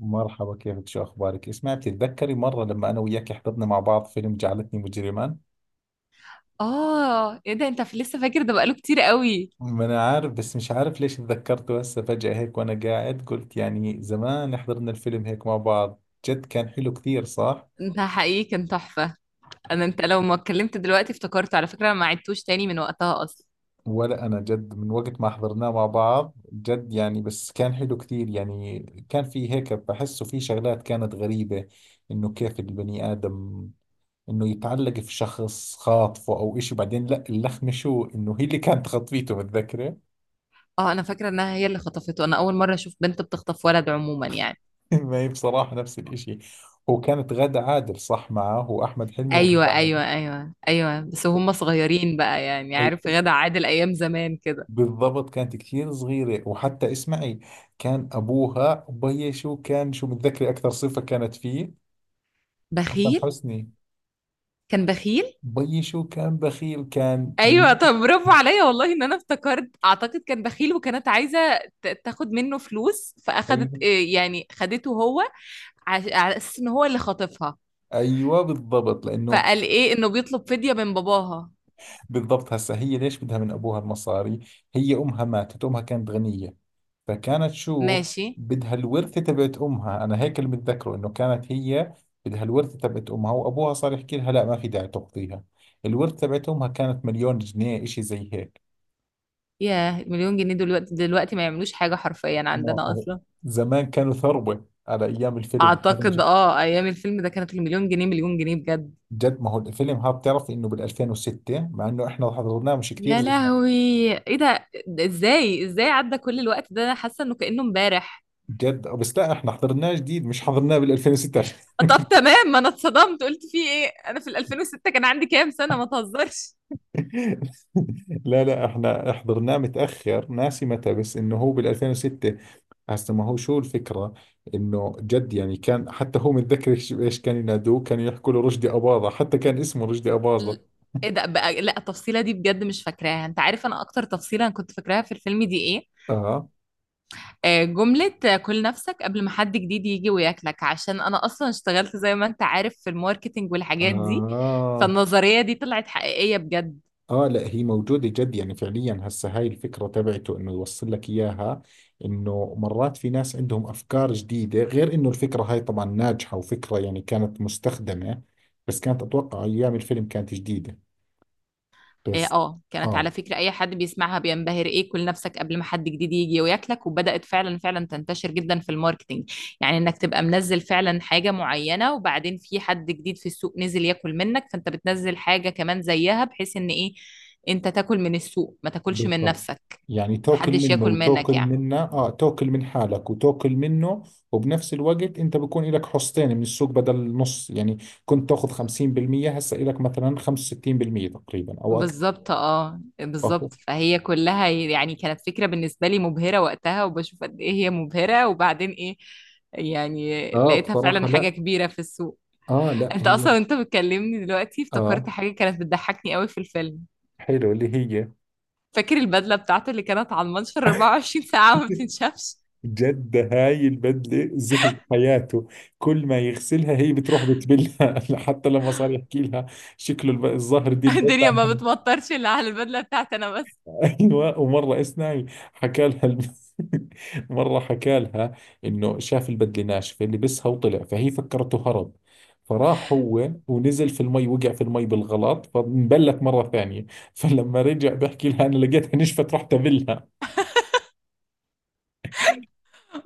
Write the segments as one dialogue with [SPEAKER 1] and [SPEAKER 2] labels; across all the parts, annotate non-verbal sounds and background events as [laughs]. [SPEAKER 1] مرحبا، كيفك؟ شو أخبارك؟ اسمعي، بتتذكري مرة لما أنا وياك حضرنا مع بعض فيلم جعلتني مجرما؟
[SPEAKER 2] اه، ايه ده. انت لسه فاكر ده؟ بقاله كتير قوي.
[SPEAKER 1] ما أنا عارف، بس مش عارف ليش تذكرته هسه فجأة هيك. وأنا قاعد قلت يعني زمان حضرنا الفيلم هيك مع بعض. جد كان حلو كثير، صح؟
[SPEAKER 2] انت حقيقي كان تحفة. انا، انت لو ما اتكلمت دلوقتي افتكرت، على فكرة انا ما عدتوش تاني من وقتها اصلا.
[SPEAKER 1] ولا أنا جد من وقت ما حضرناه مع بعض، جد يعني، بس كان حلو كثير يعني. كان في هيك، بحسه في شغلات كانت غريبة. إنه كيف البني آدم انه يتعلق في شخص خاطفه او اشي، بعدين لا، اللخمة شو، انه هي اللي كانت خطفيته، متذكرة؟
[SPEAKER 2] اه انا فاكرة انها هي اللي خطفته. انا اول مرة اشوف بنت بتخطف ولد عموما يعني.
[SPEAKER 1] [laughs] ما هي بصراحة نفس الإشي. وكانت غادة عادل صح معه، وأحمد حلمي وغادة
[SPEAKER 2] ايوه
[SPEAKER 1] عادل.
[SPEAKER 2] ايوه ايوه ايوه، بس وهم صغيرين بقى، يعني عارف
[SPEAKER 1] أيوة.
[SPEAKER 2] غادة عادل ايام زمان كده.
[SPEAKER 1] بالضبط كانت كثير صغيرة. وحتى اسمعي، كان أبوها بي شو كان؟ شو متذكري أكثر صفة كانت فيه؟ حسن
[SPEAKER 2] بخيل.
[SPEAKER 1] حسني.
[SPEAKER 2] كان بخيل.
[SPEAKER 1] بي شو كان؟ بخيل، كان
[SPEAKER 2] ايوه، طب برافو عليا والله ان انا افتكرت. اعتقد كان بخيل وكانت عايزه تاخد منه فلوس، فاخدت
[SPEAKER 1] ايوه
[SPEAKER 2] إيه، يعني خدته هو، على اساس ان هو اللي خاطفها،
[SPEAKER 1] ايوه، بالضبط لانه
[SPEAKER 2] فقال ايه انه بيطلب فديه من باباها.
[SPEAKER 1] بالضبط. هسه هي ليش بدها من ابوها المصاري؟ هي امها ماتت، امها كانت غنيه، فكانت شو
[SPEAKER 2] ماشي.
[SPEAKER 1] بدها؟ الورثة تبعت أمها. أنا هيك اللي متذكره، إنه كانت هي بدها الورثة تبعت أمها، وأبوها صار يحكي لها لا ما في داعي تقضيها. الورثة تبعت أمها كانت مليون جنيه، إشي زي هيك.
[SPEAKER 2] ياه، مليون جنيه؟ دلوقتي دلوقتي ما يعملوش حاجه حرفيا
[SPEAKER 1] ما
[SPEAKER 2] عندنا
[SPEAKER 1] هو
[SPEAKER 2] اصلا.
[SPEAKER 1] زمان كانوا ثروة، على أيام الفيلم هذا
[SPEAKER 2] اعتقد اه، ايام الفيلم ده كانت المليون جنيه مليون جنيه بجد.
[SPEAKER 1] جد. ما هو الفيلم هذا بتعرف إنه بال 2006، مع إنه إحنا حضرناه مش كثير
[SPEAKER 2] يا
[SPEAKER 1] زمان.
[SPEAKER 2] لهوي، ايه ده؟ ده ازاي ازاي عدى كل الوقت ده؟ انا حاسه انه كانه امبارح.
[SPEAKER 1] جد، بس لا، إحنا حضرناه جديد، مش حضرناه بال 2006.
[SPEAKER 2] طب تمام، ما انا اتصدمت قلت في ايه، انا في ال 2006 كان عندي كام سنة؟ ما تهزرش.
[SPEAKER 1] [laughs] لا لا، احنا حضرناه متأخر، ناسي متى، بس انه هو بال 2006. هسه ما هو شو الفكرة؟ انه جد يعني، كان حتى هو متذكر إيش كان ينادوه، كانوا يحكوا له رشدي أباظة، حتى كان اسمه رشدي
[SPEAKER 2] ل-
[SPEAKER 1] أباظة.
[SPEAKER 2] ايه ده بقى؟ لا التفصيلة دي بجد مش فاكراها. انت عارف انا اكتر تفصيلة انا كنت فاكراها في الفيلم دي ايه؟
[SPEAKER 1] اه
[SPEAKER 2] آه، جملة آه، كل نفسك قبل ما حد جديد يجي وياكلك، عشان انا اصلا اشتغلت زي ما انت عارف في الماركتينج والحاجات دي،
[SPEAKER 1] اه
[SPEAKER 2] فالنظرية دي طلعت حقيقية بجد.
[SPEAKER 1] اه، لا هي موجودة، جد يعني فعليا. هسه هاي الفكرة تبعته انه يوصل لك اياها، انه مرات في ناس عندهم افكار جديدة، غير انه الفكرة هاي طبعا ناجحة، وفكرة يعني كانت مستخدمة، بس كانت اتوقع ايام الفيلم كانت جديدة.
[SPEAKER 2] إيه،
[SPEAKER 1] بس
[SPEAKER 2] اه كانت على
[SPEAKER 1] اه،
[SPEAKER 2] فكرة اي حد بيسمعها بينبهر، ايه كل نفسك قبل ما حد جديد يجي وياكلك، وبدأت فعلا فعلا تنتشر جدا في الماركتينج. يعني انك تبقى منزل فعلا حاجة معينة، وبعدين في حد جديد في السوق نزل ياكل منك، فانت بتنزل حاجة كمان زيها، بحيث ان ايه، انت تاكل من السوق ما تاكلش من
[SPEAKER 1] بالضبط.
[SPEAKER 2] نفسك،
[SPEAKER 1] يعني تاكل
[SPEAKER 2] محدش
[SPEAKER 1] منه
[SPEAKER 2] ياكل منك
[SPEAKER 1] وتاكل
[SPEAKER 2] يعني.
[SPEAKER 1] منه، اه، تاكل من حالك وتاكل منه. وبنفس الوقت انت بكون لك حصتين من السوق بدل نص يعني. كنت تاخذ 50%، هسه لك مثلا 65% تقريبا او اكثر.
[SPEAKER 2] بالظبط، اه
[SPEAKER 1] اهو.
[SPEAKER 2] بالظبط، فهي كلها يعني كانت فكرة بالنسبة لي مبهرة وقتها، وبشوف قد ايه هي مبهرة، وبعدين ايه، يعني
[SPEAKER 1] اه
[SPEAKER 2] لقيتها
[SPEAKER 1] بصراحة
[SPEAKER 2] فعلا
[SPEAKER 1] لا.
[SPEAKER 2] حاجة كبيرة في السوق.
[SPEAKER 1] اه لا
[SPEAKER 2] انت
[SPEAKER 1] هي.
[SPEAKER 2] اصلا، انت بتكلمني دلوقتي افتكرت
[SPEAKER 1] اه،
[SPEAKER 2] حاجة كانت بتضحكني قوي في الفيلم.
[SPEAKER 1] حلو، اللي هي.
[SPEAKER 2] فاكر البدلة بتاعته اللي كانت على المنشر 24 ساعة وما
[SPEAKER 1] [laughs]
[SPEAKER 2] بتنشفش؟
[SPEAKER 1] جد هاي البدلة زهق حياته، كل ما يغسلها هي بتروح بتبلها. [laughs] حتى لما صار يحكي لها شكله الظهر دي
[SPEAKER 2] [laughs] الدنيا
[SPEAKER 1] البدلة.
[SPEAKER 2] ما بتمطرش الا على البدلة بتاعتي انا بس.
[SPEAKER 1] ايوه. ومره اسمعي، حكى لها [laughs] مره حكى لها انه شاف البدله ناشفه، لبسها وطلع، فهي فكرته هرب، فراح هو ونزل في المي، وقع في المي بالغلط فانبلت مره ثانيه. [laughs] فلما رجع بحكي لها انا لقيتها نشفت، رحت ابلها.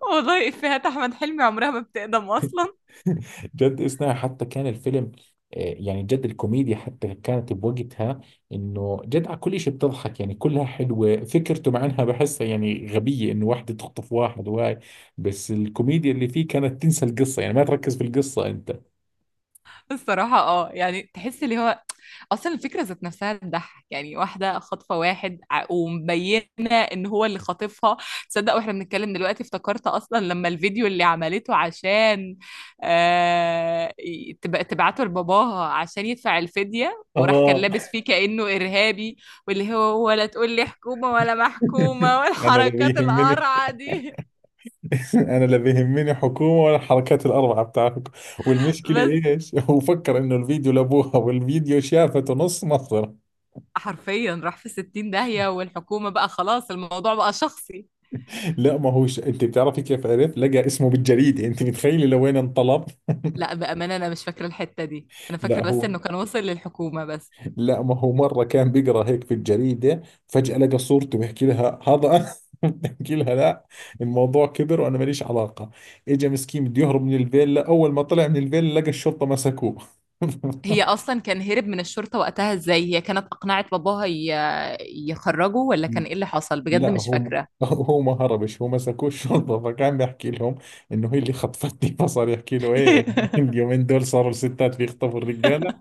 [SPEAKER 2] والله افيهات احمد حلمي عمرها ما بتقدم اصلا.
[SPEAKER 1] [laughs] جد، إثناء حتى كان الفيلم آه، يعني جد الكوميديا حتى كانت بوقتها. انه جد على كل شيء بتضحك يعني، كلها حلوه فكرته، مع انها بحسها يعني غبيه، انه واحده تخطف واحد وهاي، بس الكوميديا اللي فيه كانت تنسى القصه، يعني ما تركز في القصه انت.
[SPEAKER 2] الصراحة اه، يعني تحس اللي هو، اصلا الفكرة ذات نفسها تضحك، يعني واحدة خاطفة واحد ومبينة ان هو اللي خاطفها. تصدق واحنا بنتكلم دلوقتي افتكرت اصلا لما الفيديو اللي عملته عشان آه، تبعته لباباها عشان يدفع الفدية، وراح كان
[SPEAKER 1] اه.
[SPEAKER 2] لابس فيه كأنه إرهابي، واللي هو ولا تقول لي حكومة ولا
[SPEAKER 1] [laughs]
[SPEAKER 2] محكومة
[SPEAKER 1] انا لا
[SPEAKER 2] والحركات
[SPEAKER 1] بيهمني.
[SPEAKER 2] القرعة دي.
[SPEAKER 1] [laughs] انا لا بيهمني حكومه ولا الحركات الاربعه بتاعتكم.
[SPEAKER 2] [laughs]
[SPEAKER 1] والمشكله
[SPEAKER 2] بس
[SPEAKER 1] ايش، [laughs] هو فكر انه الفيديو لابوها، والفيديو شافته نص مصر.
[SPEAKER 2] حرفيا راح في 60 داهية، والحكومة بقى خلاص الموضوع بقى شخصي.
[SPEAKER 1] لا، ما هوش. انت بتعرفي كيف عرف؟ لقى اسمه بالجريده، انت متخيله لوين انطلب؟
[SPEAKER 2] لا بأمانة أنا مش فاكرة الحتة دي، أنا فاكرة
[SPEAKER 1] لا
[SPEAKER 2] بس
[SPEAKER 1] هو،
[SPEAKER 2] إنه كان وصل للحكومة بس.
[SPEAKER 1] لا ما هو مره كان بيقرا هيك في الجريده، فجاه لقى صورته، بيحكي لها هذا أنا. [laughs] بحكي لها لا، الموضوع كبر وانا ماليش علاقه. اجى مسكين بده يهرب من الفيلا، اول ما طلع من الفيلا لقى الشرطه مسكوه. [laughs]
[SPEAKER 2] هي أصلا كان هرب من الشرطة وقتها إزاي؟ هي كانت أقنعت باباها يخرجه ولا كان إيه اللي حصل؟ بجد
[SPEAKER 1] لا
[SPEAKER 2] مش
[SPEAKER 1] هو،
[SPEAKER 2] فاكرة.
[SPEAKER 1] هو ما هربش، هو مسكوه الشرطه، فكان بيحكي لهم انه هي اللي خطفتني. [laughs] فصار يحكي له ايه،
[SPEAKER 2] [laughs]
[SPEAKER 1] اليومين دول صاروا الستات بيخطفوا الرجال.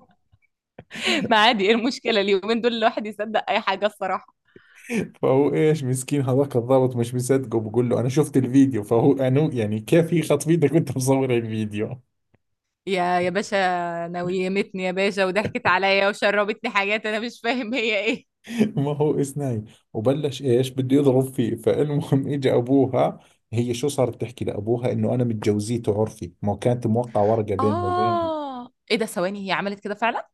[SPEAKER 2] ما عادي، إيه المشكلة؟ اليومين دول الواحد يصدق أي حاجة الصراحة.
[SPEAKER 1] فهو ايش مسكين، هذاك الضابط مش مصدقه، بقول له انا شفت الفيديو، فهو انو يعني كيف يخطف ايدك وانت مصور الفيديو؟ [laughs]
[SPEAKER 2] يا يا باشا، نويمتني يا باشا وضحكت عليا وشربتني حاجات أنا مش فاهم هي إيه.
[SPEAKER 1] ما هو اسناي، وبلش ايش بده يضرب فيه، فالمهم. [laughs] اجى ابوها، هي شو صارت تحكي لابوها؟ انه انا متجوزيته عرفي، ما هو كانت موقع ورقه بينه وبينه.
[SPEAKER 2] آه، إيه ده؟ ثواني، هي عملت كده فعلا؟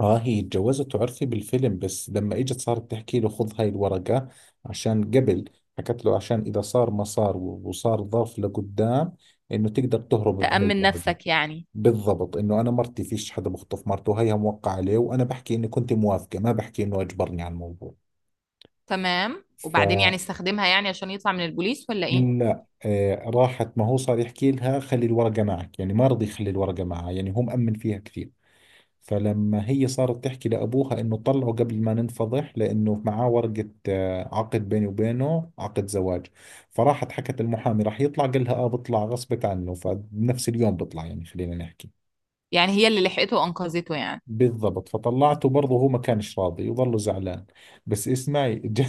[SPEAKER 1] اه، هي اتجوزته عرفي بالفيلم، بس لما اجت صارت تحكي له خذ هاي الورقه عشان قبل، حكت له عشان اذا صار ما صار، وصار ظرف لقدام، انه تقدر تهرب بهاي
[SPEAKER 2] تأمن
[SPEAKER 1] الورقه.
[SPEAKER 2] نفسك يعني.
[SPEAKER 1] بالضبط، انه انا مرتي، فيش حدا بخطف مرته، هيها موقع عليه، وانا بحكي اني كنت موافقة، ما بحكي انه اجبرني على الموضوع.
[SPEAKER 2] تمام، وبعدين
[SPEAKER 1] فلا،
[SPEAKER 2] يعني استخدمها يعني عشان يطلع من البوليس ولا إيه؟
[SPEAKER 1] آه راحت، ما هو صار يحكي لها خلي الورقة معك، يعني ما رضي يخلي الورقة معها، يعني هو مأمن فيها كثير. فلما هي صارت تحكي لأبوها إنه طلعه قبل ما ننفضح، لأنه معاه ورقة آه، عقد بيني وبينه، عقد زواج. فراحت حكت المحامي، راح يطلع، قال لها آه بطلع غصبت عنه، فبنفس اليوم بطلع يعني، خلينا نحكي.
[SPEAKER 2] يعني هي اللي لحقته وانقذته يعني.
[SPEAKER 1] بالضبط، فطلعته. برضه هو ما كانش راضي، وظله زعلان. بس اسمعي، [laughs] جد,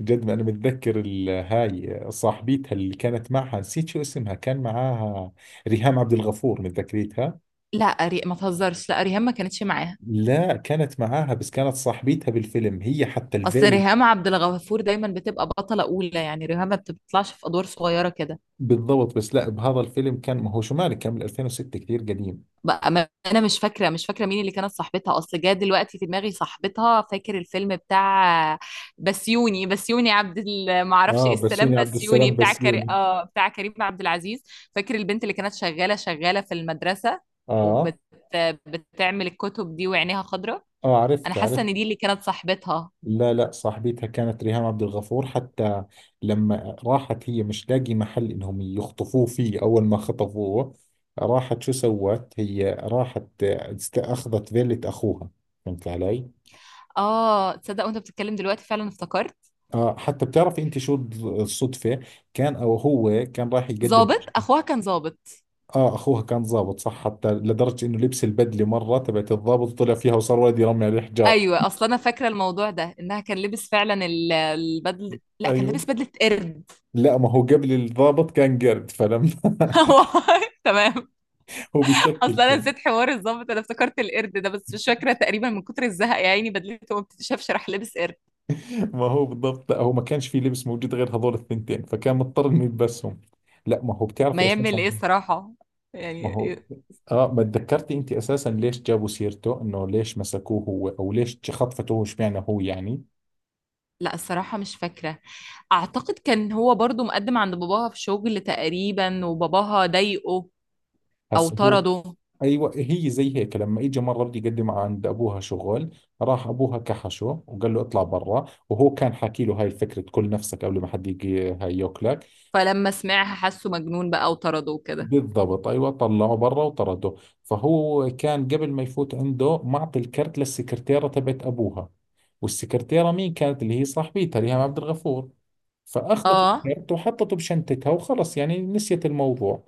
[SPEAKER 1] جد ما انا متذكر هاي صاحبيتها اللي كانت معها، نسيت شو اسمها، كان معاها ريهام عبد الغفور، متذكريتها؟
[SPEAKER 2] لا ما تهزرش، لا ريهام ما كانتش معاها.
[SPEAKER 1] لا كانت معاها، بس كانت صاحبيتها بالفيلم هي، حتى
[SPEAKER 2] اصل
[SPEAKER 1] الفيل.
[SPEAKER 2] ريهام عبد الغفور دايما بتبقى بطلة اولى، يعني ريهام ما بتطلعش في ادوار صغيرة كده.
[SPEAKER 1] بالضبط، بس لا بهذا الفيلم كان، ما هو شو مالك كان بال 2006، كثير قديم.
[SPEAKER 2] بقى ما انا مش فاكرة، مش فاكرة مين اللي كانت صاحبتها. اصل جه دلوقتي في دماغي صاحبتها، فاكر الفيلم بتاع بسيوني ما اعرفش
[SPEAKER 1] اه،
[SPEAKER 2] ايه، السلام
[SPEAKER 1] بسيوني، عبد
[SPEAKER 2] بسيوني،
[SPEAKER 1] السلام
[SPEAKER 2] بتاع كري...
[SPEAKER 1] بسيوني.
[SPEAKER 2] اه بتاع كريم عبد العزيز. فاكر البنت اللي كانت شغالة شغالة في المدرسة،
[SPEAKER 1] اه
[SPEAKER 2] وبت... بتعمل الكتب دي وعينيها خضراء؟
[SPEAKER 1] اه،
[SPEAKER 2] انا
[SPEAKER 1] عرفت
[SPEAKER 2] حاسة
[SPEAKER 1] عرفت.
[SPEAKER 2] ان دي اللي كانت صاحبتها.
[SPEAKER 1] لا لا، صاحبتها كانت ريهام عبد الغفور، حتى لما راحت هي مش لاقي محل انهم يخطفوه فيه اول ما خطفوه، راحت شو سوت؟ هي راحت اخذت فيلة اخوها، فهمت علي؟
[SPEAKER 2] اه، تصدق وانت بتتكلم دلوقتي فعلا افتكرت.
[SPEAKER 1] اه، حتى بتعرفي انت شو الصدفة؟ كان او هو كان راح يقدم،
[SPEAKER 2] ظابط، اخوها كان ظابط.
[SPEAKER 1] اه اخوها كان ضابط، صح، حتى لدرجة انه لبس البدلة مرة تبعت الضابط طلع فيها، وصار ولد يرمي عليه حجار.
[SPEAKER 2] ايوه، اصل انا فاكره الموضوع ده، انها كان لابس فعلا البدل. لا، كان
[SPEAKER 1] ايوه.
[SPEAKER 2] لابس بدله قرد.
[SPEAKER 1] لا ما هو قبل الضابط كان قرد، فلما.
[SPEAKER 2] [laughs] والله تمام.
[SPEAKER 1] [laughs] هو بشكل
[SPEAKER 2] اصل انا
[SPEAKER 1] كان.
[SPEAKER 2] نسيت حوار الظابط، انا افتكرت القرد ده بس، مش فاكره. تقريبا من كتر الزهق يا عيني بدلته ما بتتشافش راح لابس قرد.
[SPEAKER 1] ما هو بالضبط، لا هو ما كانش في لبس موجود غير هذول الثنتين، فكان مضطر انه يلبسهم. لا ما هو بتعرفي
[SPEAKER 2] ما يعمل
[SPEAKER 1] اساسا،
[SPEAKER 2] ايه الصراحه؟
[SPEAKER 1] ما
[SPEAKER 2] يعني
[SPEAKER 1] هو اه، ما تذكرتي انت اساسا ليش جابوا سيرته انه ليش مسكوه هو، او ليش خطفته هو، اشمعنى هو يعني؟
[SPEAKER 2] لا الصراحه مش فاكره. اعتقد كان هو برضو مقدم عند باباها في شغل تقريبا، وباباها ضايقه او
[SPEAKER 1] هسه هو،
[SPEAKER 2] طرده،
[SPEAKER 1] ايوه هي زي هيك، لما اجى مره بده يقدم عند ابوها شغل، راح ابوها كحشه وقال له اطلع برا، وهو كان حاكي له هاي الفكره كل نفسك قبل ما حد يجي هاي ياكلك.
[SPEAKER 2] فلما سمعها حسه مجنون بقى وطرده وكده.
[SPEAKER 1] بالضبط، ايوه طلعه برا وطرده. فهو كان قبل ما يفوت عنده معطي الكرت للسكرتيره تبعت ابوها، والسكرتيره مين كانت؟ اللي هي صاحبتها ريهام عبد الغفور، فاخذت
[SPEAKER 2] اه،
[SPEAKER 1] الكرت وحطته بشنتتها وخلص، يعني نسيت الموضوع.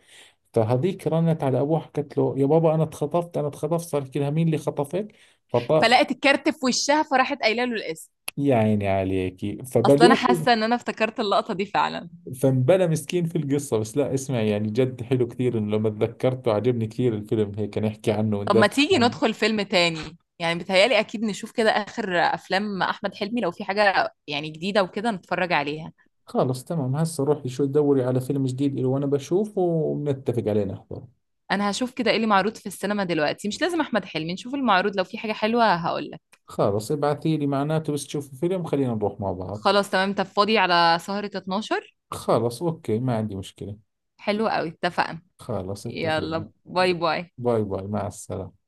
[SPEAKER 1] فهذيك رنت على ابوها، حكت له يا بابا انا اتخطفت انا اتخطفت، صار يحكي لها مين اللي خطفك؟ فط
[SPEAKER 2] فلقت الكارت في وشها فراحت قايله له الاسم.
[SPEAKER 1] يا عيني عليكي
[SPEAKER 2] اصل انا
[SPEAKER 1] فبلوه.
[SPEAKER 2] حاسه ان انا افتكرت اللقطه دي فعلا.
[SPEAKER 1] فانبلى مسكين في القصة. بس لا اسمع يعني، جد حلو كثير إنه لما تذكرته عجبني كثير الفيلم هيك نحكي عنه
[SPEAKER 2] طب ما
[SPEAKER 1] وندردش
[SPEAKER 2] تيجي
[SPEAKER 1] عنه.
[SPEAKER 2] ندخل فيلم تاني، يعني بتهيالي اكيد نشوف كده اخر افلام احمد حلمي، لو في حاجه يعني جديده وكده نتفرج عليها.
[SPEAKER 1] خلاص تمام، هسه روحي شو دوري على فيلم جديد إله، وأنا بشوفه وبنتفق عليه نحضره.
[SPEAKER 2] انا هشوف كده ايه اللي معروض في السينما دلوقتي، مش لازم احمد حلمي، نشوف المعروض لو في حاجه حلوه هقول لك.
[SPEAKER 1] خلاص ابعثي لي معناته بس تشوفي فيلم، خلينا نروح مع بعض.
[SPEAKER 2] خلاص تمام، طب فاضي على سهره 12؟
[SPEAKER 1] خلاص أوكي، ما عندي مشكلة.
[SPEAKER 2] حلو قوي، اتفقنا.
[SPEAKER 1] خلاص اتفقنا.
[SPEAKER 2] يلا باي باي.
[SPEAKER 1] باي باي، مع السلامة.